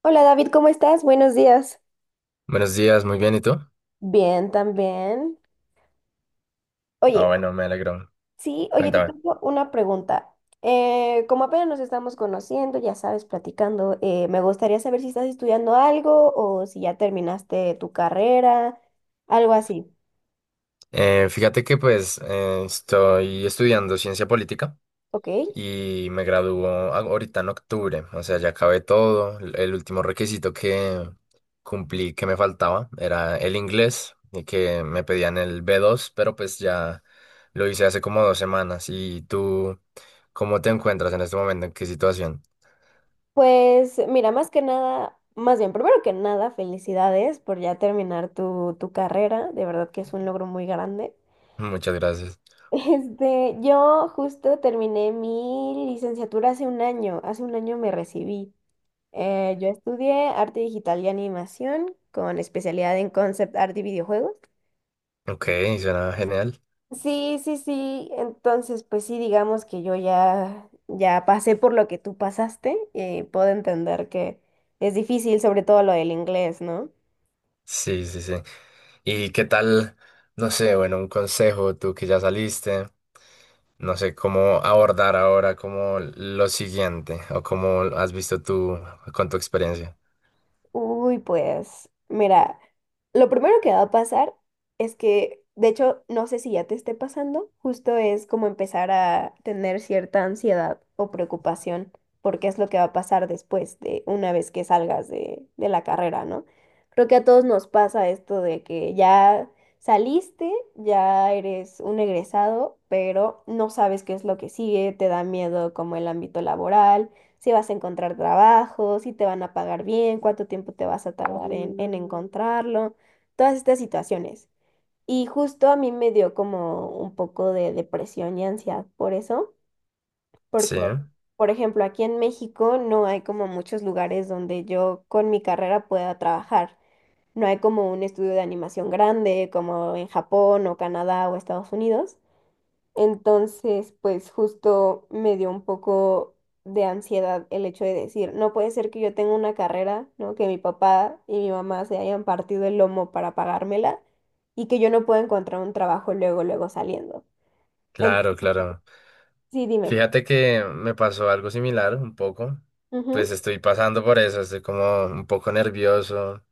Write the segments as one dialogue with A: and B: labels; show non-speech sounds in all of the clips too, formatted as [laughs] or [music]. A: Hola David, ¿cómo estás? Buenos días.
B: Buenos días, muy bien, ¿y tú?
A: Bien, también. Oye,
B: Ah, bueno, me alegro.
A: sí, oye, te
B: Cuéntame.
A: tengo una pregunta. Como apenas nos estamos conociendo, ya sabes, platicando, me gustaría saber si estás estudiando algo o si ya terminaste tu carrera, algo así.
B: Fíjate que pues estoy estudiando ciencia política
A: Ok.
B: y me gradúo ahorita en octubre, o sea, ya acabé todo. El último requisito que cumplí que me faltaba era el inglés, y que me pedían el B2, pero pues ya lo hice hace como 2 semanas. ¿Y tú cómo te encuentras en este momento? ¿En qué situación?
A: Pues mira, más que nada, más bien, primero que nada, felicidades por ya terminar tu carrera. De verdad que es un logro muy grande.
B: Muchas gracias.
A: Este, yo justo terminé mi licenciatura hace un año me recibí. Yo estudié arte digital y animación con especialidad en concept art y videojuegos.
B: Ok, suena genial.
A: Sí, sí, sí, entonces pues sí, digamos que yo ya pasé por lo que tú pasaste y puedo entender que es difícil, sobre todo lo del inglés, ¿no?
B: Sí, sí, sí. ¿Y qué tal? No sé, bueno, un consejo, tú que ya saliste, no sé cómo abordar ahora como lo siguiente o cómo has visto tú con tu experiencia.
A: Uy, pues, mira, lo primero que va a pasar es que, de hecho, no sé si ya te esté pasando, justo es como empezar a tener cierta ansiedad o preocupación porque es lo que va a pasar después de una vez que salgas de la carrera, ¿no? Creo que a todos nos pasa esto de que ya saliste, ya eres un egresado, pero no sabes qué es lo que sigue, te da miedo como el ámbito laboral si vas a encontrar trabajo, si te van a pagar bien, cuánto tiempo te vas a tardar en encontrarlo, todas estas situaciones. Y justo a mí me dio como un poco de depresión y ansiedad por eso,
B: Sí,
A: porque, por ejemplo, aquí en México no hay como muchos lugares donde yo con mi carrera pueda trabajar. No hay como un estudio de animación grande como en Japón o Canadá o Estados Unidos. Entonces, pues justo me dio un poco de ansiedad el hecho de decir, no puede ser que yo tenga una carrera, ¿no? Que mi papá y mi mamá se hayan partido el lomo para pagármela y que yo no pueda encontrar un trabajo luego, luego saliendo. En-
B: claro, claro.
A: sí, dime.
B: Fíjate que me pasó algo similar, un poco.
A: Ujú.
B: Pues estoy pasando por eso, estoy como un poco nervioso,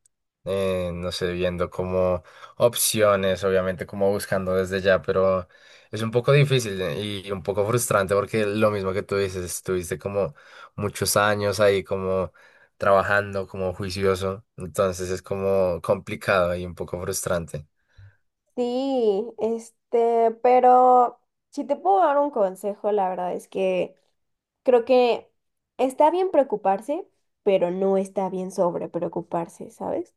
B: no sé, viendo como opciones, obviamente como buscando desde ya, pero es un poco difícil, y un poco frustrante porque lo mismo que tú dices, estuviste como muchos años ahí como trabajando, como juicioso, entonces es como complicado y un poco frustrante.
A: Sí, este, pero si te puedo dar un consejo, la verdad es que creo que está bien preocuparse, pero no está bien sobre preocuparse, ¿sabes?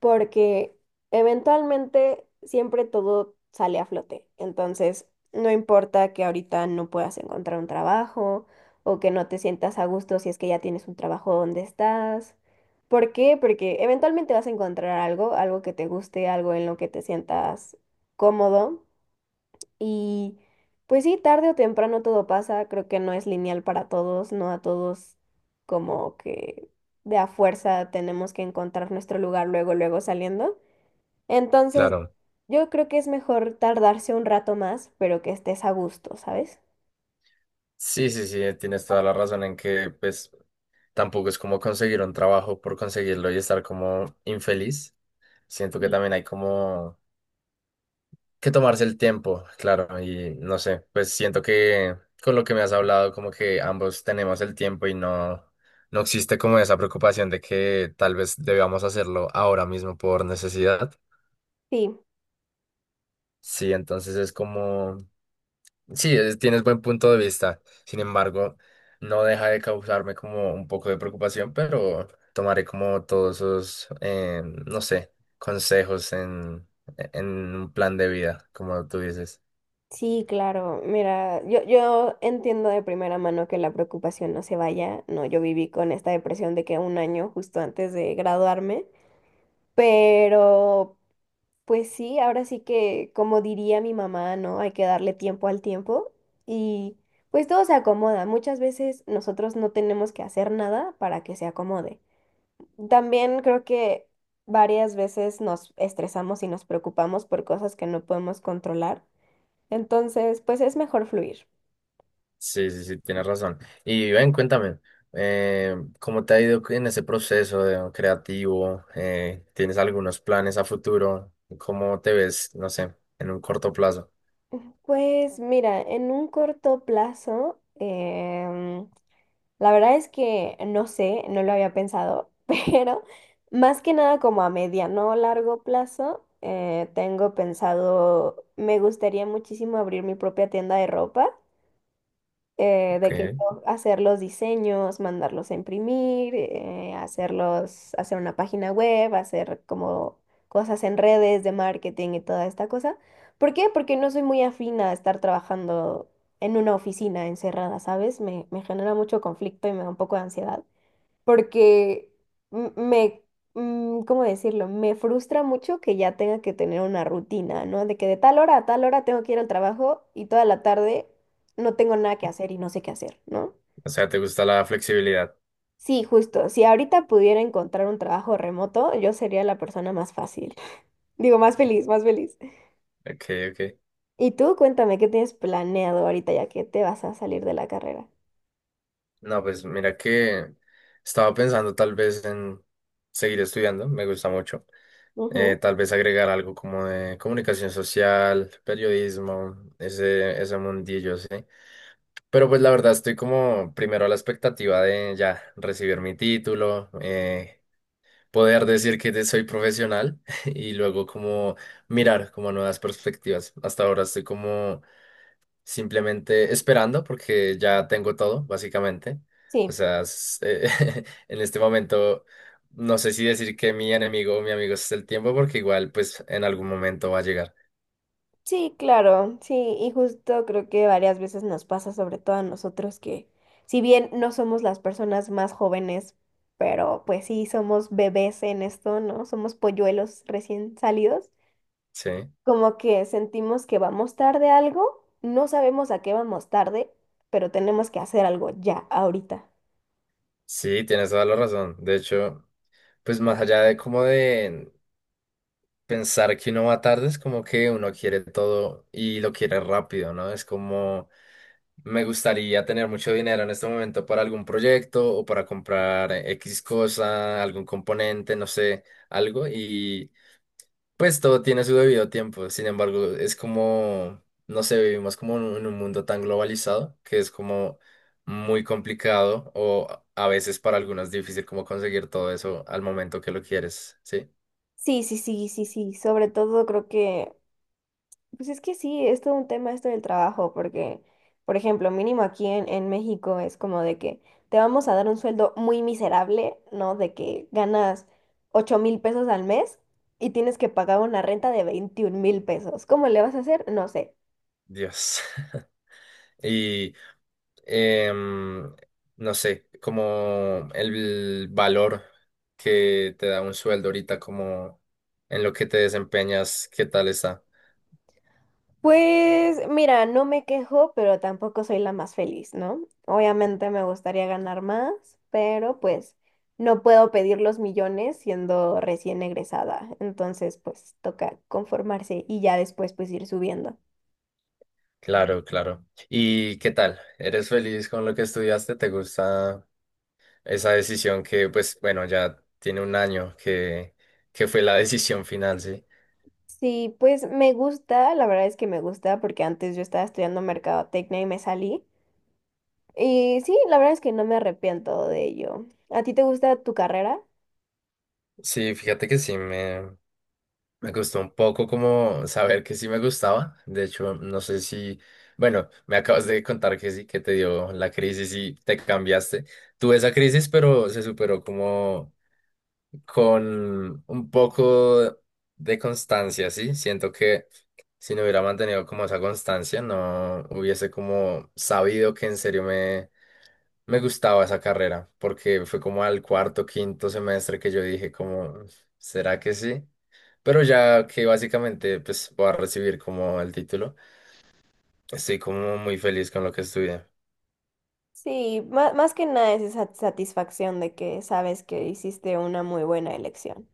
A: Porque eventualmente siempre todo sale a flote. Entonces, no importa que ahorita no puedas encontrar un trabajo o que no te sientas a gusto si es que ya tienes un trabajo donde estás. ¿Por qué? Porque eventualmente vas a encontrar algo, algo que te guste, algo en lo que te sientas cómodo. Y pues sí, tarde o temprano todo pasa, creo que no es lineal para todos, no a todos como que de a fuerza tenemos que encontrar nuestro lugar luego, luego saliendo. Entonces,
B: Claro.
A: yo creo que es mejor tardarse un rato más, pero que estés a gusto, ¿sabes?
B: Sí, sí, sí, tienes toda la razón en que pues tampoco es como conseguir un trabajo por conseguirlo y estar como infeliz. Siento que
A: Sí.
B: también hay como que tomarse el tiempo, claro, y no sé, pues siento que con lo que me has hablado, como que ambos tenemos el tiempo y no, no existe como esa preocupación de que tal vez debamos hacerlo ahora mismo por necesidad.
A: Sí,
B: Sí, entonces es como, sí, tienes buen punto de vista. Sin embargo, no deja de causarme como un poco de preocupación, pero tomaré como todos esos, no sé, consejos en un plan de vida, como tú dices.
A: sí, claro. Mira, yo entiendo de primera mano que la preocupación no se vaya. No, yo viví con esta depresión de que un año justo antes de graduarme, pero pues sí, ahora sí que, como diría mi mamá, ¿no? Hay que darle tiempo al tiempo y pues todo se acomoda. Muchas veces nosotros no tenemos que hacer nada para que se acomode. También creo que varias veces nos estresamos y nos preocupamos por cosas que no podemos controlar. Entonces, pues es mejor fluir.
B: Sí, sí, sí, tienes razón. Y ven, cuéntame, ¿cómo te ha ido en ese proceso creativo? ¿Tienes algunos planes a futuro? ¿Cómo te ves, no sé, en un corto plazo?
A: Pues mira, en un corto plazo, la verdad es que no sé, no lo había pensado, [laughs] pero más que nada como a mediano o largo plazo, tengo pensado, me gustaría muchísimo abrir mi propia tienda de ropa de que
B: Okay.
A: yo hacer los diseños, mandarlos a imprimir, hacerlos, hacer una página web, hacer como cosas en redes de marketing y toda esta cosa. ¿Por qué? Porque no soy muy afina a estar trabajando en una oficina encerrada, ¿sabes? Me genera mucho conflicto y me da un poco de ansiedad porque me, ¿cómo decirlo? Me frustra mucho que ya tenga que tener una rutina, ¿no? De que de tal hora a tal hora tengo que ir al trabajo y toda la tarde no tengo nada que hacer y no sé qué hacer, ¿no?
B: O sea, ¿te gusta la flexibilidad?
A: Sí, justo. Si ahorita pudiera encontrar un trabajo remoto, yo sería la persona más fácil. [laughs] Digo, más feliz, más feliz.
B: Ok, ok.
A: Y tú, cuéntame, ¿qué tienes planeado ahorita ya que te vas a salir de la carrera?
B: No, pues mira que estaba pensando tal vez en seguir estudiando, me gusta mucho.
A: Ujú.
B: Tal vez agregar algo como de comunicación social, periodismo, ese mundillo, sí. Pero pues la verdad estoy como primero a la expectativa de ya recibir mi título, poder decir que soy profesional [laughs] y luego como mirar como nuevas perspectivas. Hasta ahora estoy como simplemente esperando porque ya tengo todo, básicamente. O
A: Sí.
B: sea, [laughs] en este momento no sé si decir que mi enemigo o mi amigo es el tiempo porque igual pues en algún momento va a llegar.
A: Sí, claro, sí, y justo creo que varias veces nos pasa, sobre todo a nosotros, que si bien no somos las personas más jóvenes, pero pues sí somos bebés en esto, ¿no? Somos polluelos recién salidos,
B: Sí,
A: como que sentimos que vamos tarde a algo, no sabemos a qué vamos tarde, pero tenemos que hacer algo ya, ahorita.
B: sí, tienes toda la razón. De hecho, pues más allá de como de pensar que uno va tarde es como que uno quiere todo y lo quiere rápido, ¿no? Es como me gustaría tener mucho dinero en este momento para algún proyecto o para comprar X cosa, algún componente, no sé, algo y pues todo tiene su debido tiempo. Sin embargo, es como, no sé, vivimos como en un mundo tan globalizado que es como muy complicado o a veces para algunos difícil como conseguir todo eso al momento que lo quieres, ¿sí?
A: Sí, sí, sí, sí, sí, sobre todo creo que pues es que sí, es todo un tema esto del trabajo, porque, por ejemplo, mínimo aquí en México es como de que te vamos a dar un sueldo muy miserable, ¿no? De que ganas 8,000 pesos al mes y tienes que pagar una renta de 21,000 pesos. ¿Cómo le vas a hacer? No sé.
B: Dios. [laughs] Y em, no sé, como el valor que te da un sueldo ahorita, como en lo que te desempeñas, ¿qué tal está?
A: Pues mira, no me quejo, pero tampoco soy la más feliz, ¿no? Obviamente me gustaría ganar más, pero pues no puedo pedir los millones siendo recién egresada. Entonces, pues toca conformarse y ya después pues ir subiendo.
B: Claro, claro. ¿Y qué tal? ¿Eres feliz con lo que estudiaste? ¿Te gusta esa decisión que, pues, bueno, ya tiene un año que fue la [laughs] decisión final, sí?
A: Sí, pues me gusta, la verdad es que me gusta porque antes yo estaba estudiando mercadotecnia y me salí. Y sí, la verdad es que no me arrepiento de ello. ¿A ti te gusta tu carrera?
B: Sí, fíjate que sí, Me costó un poco como saber que sí me gustaba. De hecho, no sé si, bueno, me acabas de contar que sí, que te dio la crisis y te cambiaste. Tuve esa crisis, pero se superó como con un poco de constancia, ¿sí? Siento que si no hubiera mantenido como esa constancia, no hubiese como sabido que en serio me gustaba esa carrera porque fue como al cuarto, quinto semestre que yo dije como, ¿será que sí? Pero ya que básicamente pues voy a recibir como el título, estoy como muy feliz con lo que estudié.
A: Sí, más que nada es esa satisfacción de que sabes que hiciste una muy buena elección.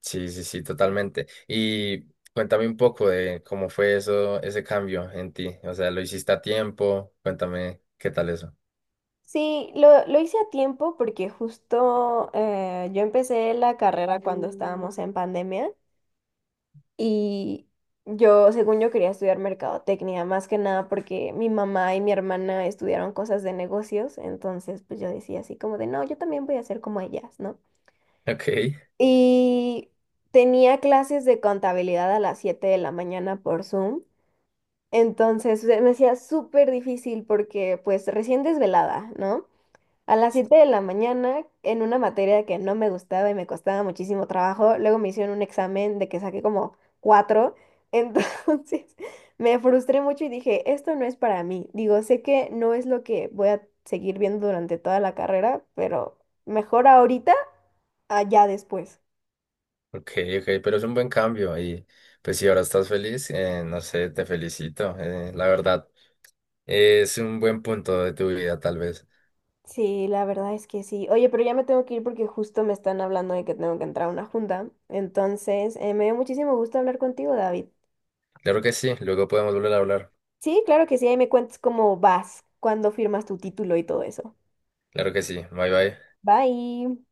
B: Sí, sí, sí, totalmente. Y cuéntame un poco de cómo fue eso, ese cambio en ti. O sea, ¿lo hiciste a tiempo? Cuéntame qué tal eso. [laughs]
A: Sí, lo hice a tiempo porque justo yo empecé la carrera cuando estábamos en pandemia y yo, según yo, quería estudiar mercadotecnia, más que nada porque mi mamá y mi hermana estudiaron cosas de negocios, entonces pues yo decía así como de, no, yo también voy a ser como ellas, ¿no?
B: Ok,
A: Y tenía clases de contabilidad a las 7 de la mañana por Zoom. Entonces se me hacía súper difícil porque pues recién desvelada, ¿no? A las 7 de la mañana en una materia que no me gustaba y me costaba muchísimo trabajo, luego me hicieron un examen de que saqué como 4 entonces [laughs] me frustré mucho y dije, esto no es para mí. Digo, sé que no es lo que voy a seguir viendo durante toda la carrera, pero mejor ahorita, allá después.
B: ok, ok, pero es un buen cambio y pues si ahora estás feliz, no sé, te felicito. La verdad. Es un buen punto de tu vida, tal vez.
A: Sí, la verdad es que sí. Oye, pero ya me tengo que ir porque justo me están hablando de que tengo que entrar a una junta. Entonces, me dio muchísimo gusto hablar contigo, David.
B: Claro que sí, luego podemos volver a hablar.
A: Sí, claro que sí, ahí me cuentas cómo vas, cuándo firmas tu título y todo eso.
B: Claro que sí, bye bye.
A: Bye.